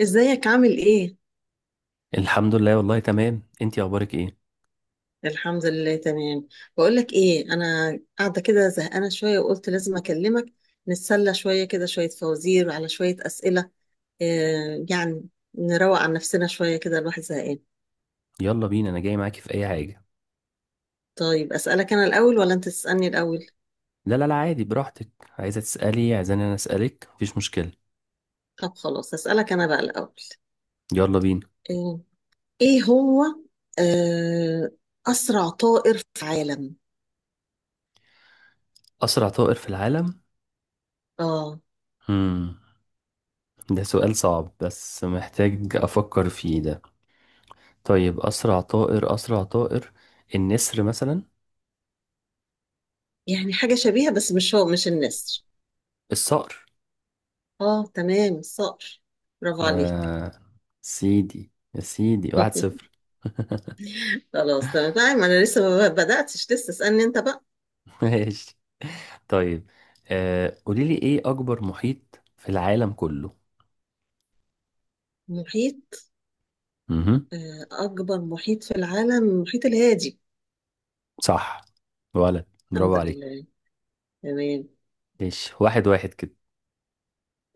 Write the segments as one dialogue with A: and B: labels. A: ازيك عامل ايه؟
B: الحمد لله، والله تمام. انتي اخبارك ايه؟
A: الحمد لله تمام. بقول لك ايه، انا قاعده كده زهقانه شويه وقلت لازم اكلمك. نتسلى شويه كده، شويه فوازير على شويه اسئله يعني نروق عن نفسنا شويه كده، الواحد زهقان.
B: يلا بينا، انا جاي معاكي في اي حاجه.
A: طيب اسالك انا الاول ولا انت تسالني الاول؟
B: لا لا لا، عادي براحتك. عايزه تسالي، عايزاني انا اسالك، مفيش مشكله.
A: طب خلاص، اسالك انا بقى الاول.
B: يلا بينا.
A: آه ايه هو آه اسرع طائر في العالم؟
B: اسرع طائر في العالم.
A: اه،
B: امم ده سؤال صعب، بس محتاج افكر فيه ده. طيب اسرع طائر، اسرع طائر. النسر مثلا.
A: يعني حاجه شبيهه بس مش هو، مش النسر.
B: الصقر.
A: اه تمام، الصقر. برافو عليك.
B: آه سيدي يا سيدي، واحد صفر
A: خلاص تمام. طيب ما انا لسه ما بدأتش، لسه اسألني انت بقى.
B: ماشي، طيب. قوليلي ايه اكبر محيط في العالم كله؟
A: محيط.
B: مهم.
A: اكبر محيط في العالم المحيط الهادي.
B: صح. ولد برافو
A: الحمد
B: عليك.
A: لله. تمام.
B: ماشي، 1-1 كده.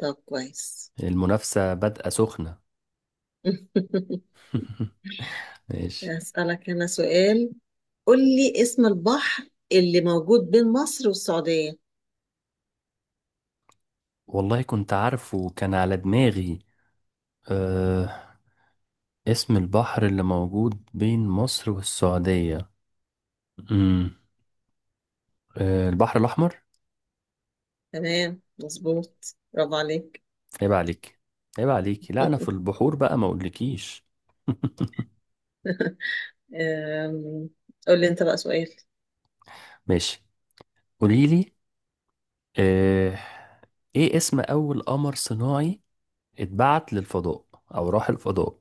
A: طب كويس.
B: المنافسة بادئة سخنة. ماشي.
A: اسألك انا سؤال. قول لي اسم البحر اللي موجود بين مصر والسعودية.
B: والله كنت عارفه، كان على دماغي. أه اسم البحر اللي موجود بين مصر والسعودية. امم البحر الأحمر.
A: تمام مظبوط، برافو عليك.
B: عيب عليك، عيب عليك، لا أنا في البحور بقى ما أقولكيش.
A: آم، قول لي انت بقى سؤال.
B: ماشي قوليلي. أه إيه اسم أول قمر صناعي اتبعت للفضاء، أو راح الفضاء؟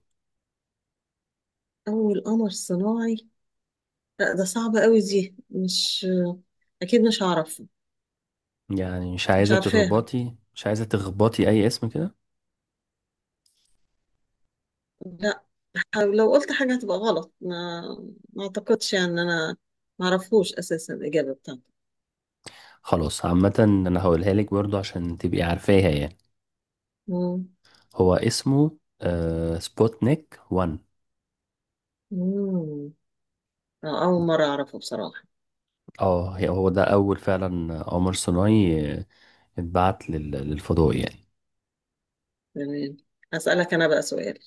A: اول قمر صناعي؟ لا ده صعب قوي، دي مش... اكيد مش هعرف.
B: يعني مش
A: مش
B: عايزة
A: عارفاها.
B: تخبطي، مش عايزة تخبطي أي اسم كده.
A: لا، لو قلت حاجة هتبقى غلط. ما اعتقدش يعني ان انا ما اعرفوش اساسا الاجابة بتاعته.
B: خلاص، عامة أنا هقولها لك برضو عشان تبقي عارفاها يعني.
A: مم.
B: هو اسمه سبوتنيك 1.
A: مم. اول مرة اعرفه بصراحة.
B: اه، هو ده أول فعلا، قمر صناعي، اتبعت للفضاء يعني.
A: تمام. هسألك انا بقى سؤال.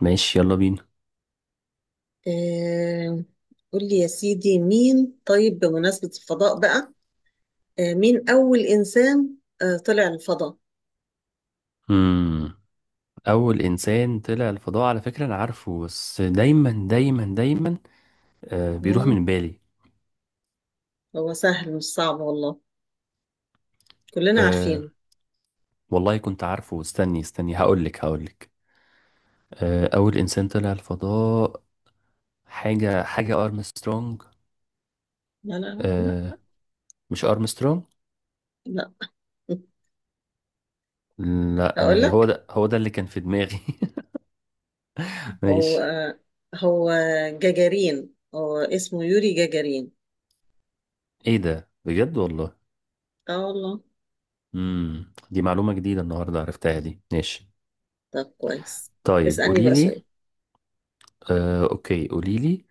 B: ماشي يلا بينا.
A: آه، قول لي يا سيدي، مين؟ طيب بمناسبة الفضاء بقى، مين اول انسان طلع الفضاء؟
B: مم. أول إنسان طلع الفضاء على فكرة أنا عارفه، بس دايما دايما دايما بيروح
A: مم.
B: من بالي.
A: هو سهل مش صعب والله، كلنا
B: آه
A: عارفينه.
B: والله كنت عارفه، استني استني، هقولك. أول إنسان طلع الفضاء، حاجة أرمسترونج.
A: لا لا لا
B: آه، مش أرمسترونج.
A: لا،
B: لا
A: هقول
B: أنا هو
A: لك.
B: ده هو ده اللي كان في دماغي.
A: هو
B: ماشي.
A: هو جاجارين، هو اسمه يوري جاجارين.
B: إيه ده بجد والله؟
A: اه والله.
B: دي معلومة جديدة النهاردة عرفتها دي، ماشي.
A: طب كويس.
B: طيب
A: اسألني
B: قولي
A: بقى
B: لي.
A: سؤال.
B: أوكي قولي لي.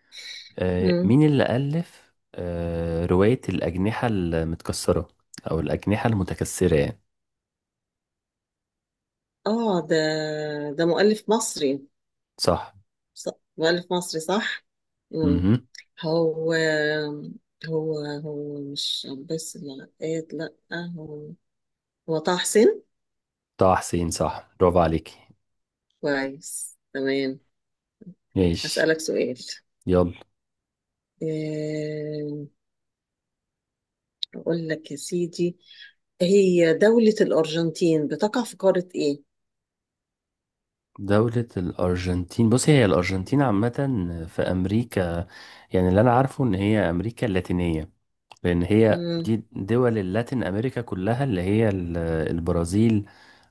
A: مم.
B: مين اللي ألف رواية الأجنحة المتكسرة، أو الأجنحة المتكسرة يعني؟
A: اه، ده مؤلف مصري.
B: صح.
A: ص- مؤلف مصري صح. مم.
B: امم
A: هو هو هو مش بس العقاد، لا. هو هو طه حسين.
B: طه حسين، صح برافو عليكي.
A: كويس تمام.
B: ماشي
A: هسألك سؤال.
B: يلا.
A: آم، أقول لك يا سيدي، هي دولة الأرجنتين بتقع في قارة إيه؟
B: دولة الأرجنتين بص هي الأرجنتين عامة في أمريكا، يعني اللي أنا عارفه إن هي أمريكا اللاتينية. لأن هي
A: مم.
B: دي دول اللاتين أمريكا كلها، اللي هي البرازيل،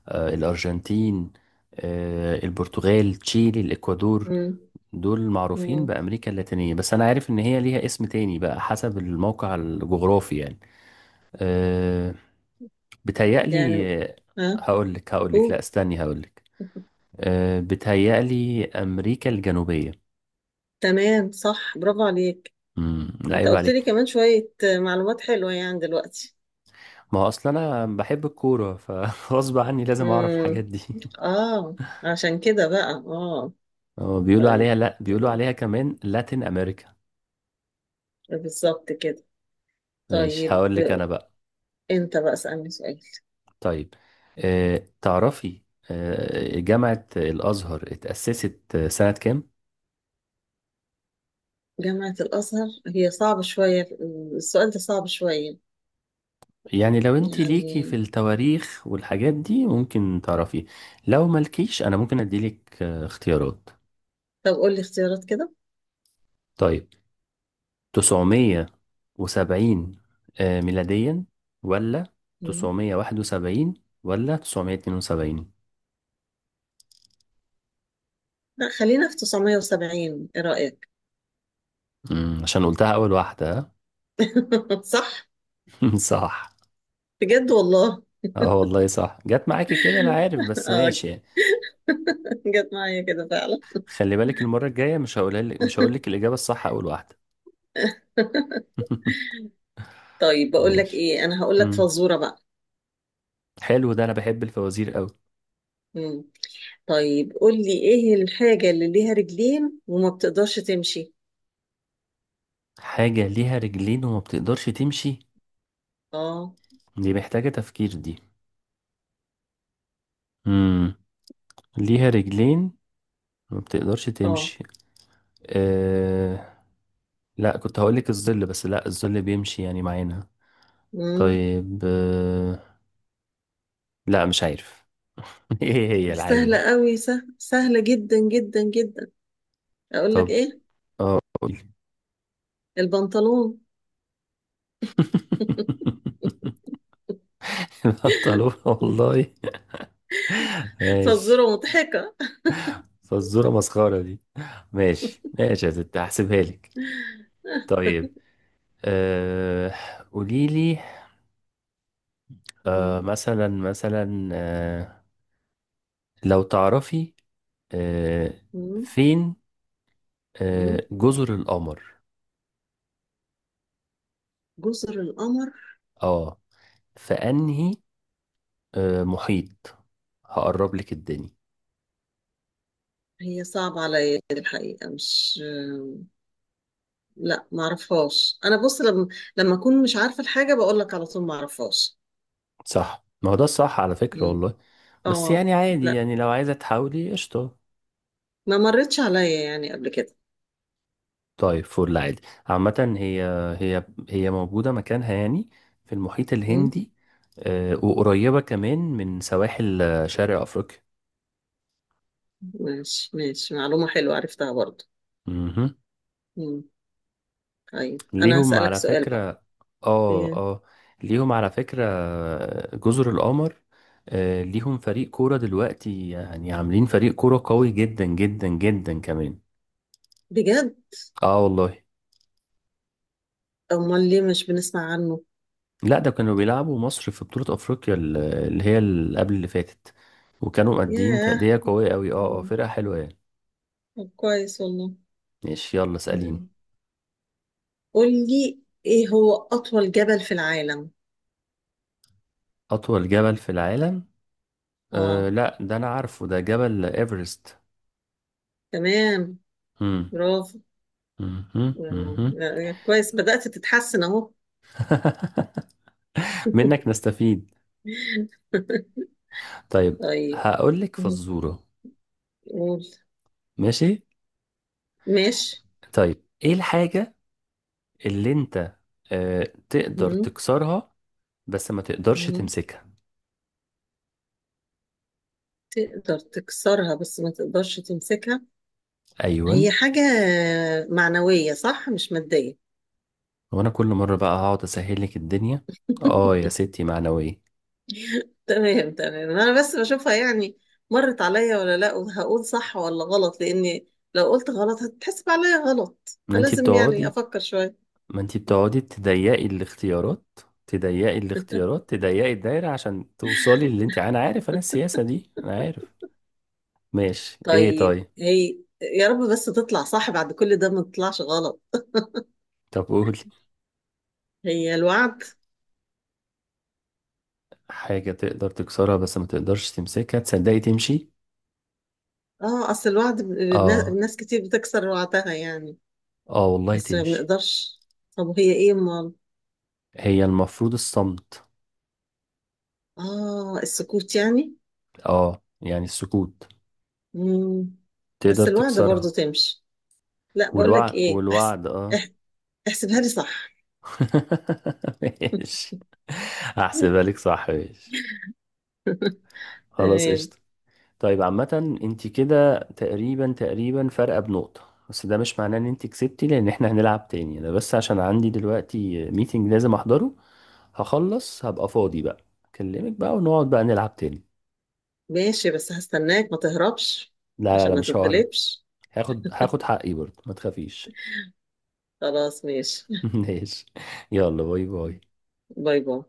B: الأرجنتين، البرتغال، تشيلي، الإكوادور.
A: مم.
B: دول معروفين
A: مم.
B: بأمريكا اللاتينية، بس أنا عارف إن هي ليها اسم تاني بقى حسب الموقع الجغرافي يعني. آه، بتهيألي
A: يعني. ها.
B: هقولك، لا
A: قول.
B: استني هقولك. بتهيألي أمريكا الجنوبية.
A: تمام صح، برافو عليك.
B: لا
A: انت
B: عيب
A: قلت لي
B: عليك.
A: كمان شوية معلومات حلوة يعني دلوقتي.
B: ما هو اصلا انا بحب الكوره، فغصب عني لازم اعرف
A: مم.
B: الحاجات دي.
A: اه، عشان كده بقى. اه
B: هو بيقولوا
A: طيب
B: عليها، لا بيقولوا
A: تمام.
B: عليها كمان لاتين امريكا.
A: بالظبط كده.
B: ماشي
A: طيب
B: هقول لك انا بقى.
A: انت بقى اسألني سؤال.
B: طيب، تعرفي، جامعه الازهر اتاسست سنه كام؟
A: جامعة الأزهر هي صعبة شوية، السؤال ده صعب شوية
B: يعني لو انت ليكي في
A: يعني.
B: التواريخ والحاجات دي ممكن تعرفي، لو مالكيش انا ممكن اديلك اختيارات.
A: طب قول لي اختيارات كده.
B: طيب، 970 ميلاديا، ولا
A: مم.
B: 971، ولا 972؟
A: لا، خلينا في 970، ايه رأيك؟
B: عشان قلتها أول واحدة ها؟
A: صح.
B: صح.
A: بجد والله.
B: اه والله صح، جت معاكي كده، أنا عارف بس
A: اه.
B: ماشي يعني.
A: جت معايا كده فعلا.
B: خلي بالك المرة الجاية مش هقولها لك، مش هقول لك الإجابة الصح أول واحدة.
A: طيب، بقول لك
B: ماشي.
A: ايه، انا هقول لك
B: مم.
A: فزورة بقى.
B: حلو ده، أنا بحب الفوازير أوي.
A: مم. طيب قول لي ايه الحاجة اللي ليها رجلين وما بتقدرش تمشي؟
B: حاجة ليها رجلين وما بتقدرش تمشي.
A: اه.
B: دي محتاجة تفكير دي. مم. ليها رجلين، ما بتقدرش
A: اه.
B: تمشي. أه، لا كنت هقولك الظل، بس لا الظل بيمشي يعني معانا.
A: مم.
B: طيب، لا مش عارف. ايه هي
A: دي
B: الحاجة
A: سهلة
B: دي؟
A: قوي، سهلة سهلة جدا جدا جدا. اقول لك
B: طب،
A: ايه؟
B: اه قولي.
A: البنطلون.
B: البنطلون والله. ماشي.
A: فزورة مضحكة.
B: فالزورة مسخرة دي. ماشي ماشي يا ستي، هحسبها لك. طيب، أه قولي لي.
A: مم.
B: مثلا مثلا، لو تعرفي، أه
A: مم.
B: فين
A: مم.
B: جزر القمر؟
A: جزر القمر.
B: اه، في انهي محيط؟ هقرب لك الدنيا.
A: هي صعبة عليا الحقيقة، مش... لا معرفهاش. انا بص، لما اكون مش عارفه الحاجه بقول لك على طول معرفهاش.
B: صح، ما هو ده الصح على فكرة
A: مم.
B: والله. بس
A: اه.
B: يعني عادي
A: لا،
B: يعني لو عايزة تحاولي قشطة.
A: ما مرتش عليا يعني قبل كده.
B: طيب فل عادي. عامة هي هي موجودة مكانها يعني في المحيط
A: مم.
B: الهندي، وقريبة كمان من سواحل شرق أفريقيا.
A: ماشي ماشي، معلومه حلوه عرفتها برضو.
B: مهم.
A: مم. طيب انا
B: ليهم
A: هسألك
B: على
A: سؤال
B: فكرة،
A: بقى.
B: اه
A: إيه؟
B: اه ليهم على فكرة جزر القمر، ليهم فريق كورة دلوقتي، يعني عاملين فريق كورة قوي جدا جدا جدا كمان.
A: بجد؟
B: اه والله.
A: امال ليه مش بنسمع عنه؟
B: لا ده كانوا بيلعبوا مصر في بطولة افريقيا اللي هي اللي قبل اللي فاتت. وكانوا مادين
A: ياه.
B: تأدية قوية قوي، اه اه،
A: مم.
B: فرقة حلوة يعني.
A: طب كويس والله.
B: ماشي يلا اسأليني.
A: مم. قول لي ايه هو اطول جبل في العالم.
B: اطول جبل في العالم؟ أه
A: اه
B: لا ده انا عارفه، ده جبل ايفرست.
A: تمام.
B: مم.
A: برافو.
B: مهم.
A: مم.
B: مهم.
A: لا، كويس، بدأت تتحسن اهو.
B: منك نستفيد. طيب
A: طيب.
B: هقول لك
A: مم.
B: فزورة.
A: قول.
B: ماشي.
A: ماشي.
B: طيب ايه الحاجة اللي انت تقدر
A: مم.
B: تكسرها بس ما تقدرش
A: مم.
B: تمسكها؟
A: تقدر تكسرها بس ما تقدرش تمسكها؟
B: ايوه.
A: هي حاجة معنوية، صح؟ مش مادية.
B: هو انا كل مره بقى هقعد اسهل لك الدنيا. اه يا ستي معنويه.
A: تمام تمام، أنا بس بشوفها يعني مرت عليا ولا لا، وهقول صح ولا غلط. لأني لو قلت غلط هتتحسب عليا غلط،
B: ما انتي
A: فلازم يعني
B: بتقعدي
A: أفكر شوية.
B: ما انتي بتقعدي تضيقي الاختيارات تضيقي الدايره عشان توصلي اللي انتي انا عارف انا السياسه دي انا عارف. ماشي ايه
A: طيب،
B: طيب.
A: هي يا رب بس تطلع صح بعد كل ده، ما تطلعش غلط.
B: طب قولي.
A: هي الوعد.
B: حاجه تقدر تكسرها بس ما تقدرش تمسكها، تصدقي تمشي.
A: اه، اصل الوعد
B: اه
A: الناس كتير بتكسر وعدها يعني.
B: اه والله
A: بس ما
B: تمشي.
A: بنقدرش. طب وهي ايه امال؟
B: هي المفروض الصمت.
A: اه، السكوت يعني.
B: اه يعني السكوت.
A: مم.
B: تقدر
A: بس الوعد برضو
B: تكسرها.
A: تمشي. لا، بقول لك
B: والوعد
A: ايه،
B: والوعد اه.
A: اح- احسبها لي صح.
B: ماشي. هحسبها لك صح، ماشي. خلاص
A: تمام.
B: قشطة. طيب عامة انت كده تقريبا تقريبا فارقة بنقطة، بس ده مش معناه ان انت كسبتي، لان احنا هنلعب تاني. انا بس عشان عندي دلوقتي ميتنج لازم احضره، هخلص هبقى فاضي بقى، اكلمك بقى ونقعد بقى نلعب تاني.
A: ماشي، بس هستناك ما تهربش،
B: لا لا
A: عشان
B: لا
A: ما
B: مش ههرب.
A: تتغلبش.
B: هاخد حقي برضه، ما تخافيش.
A: خلاص ماشي.
B: ماشي. يلا باي باي.
A: باي باي.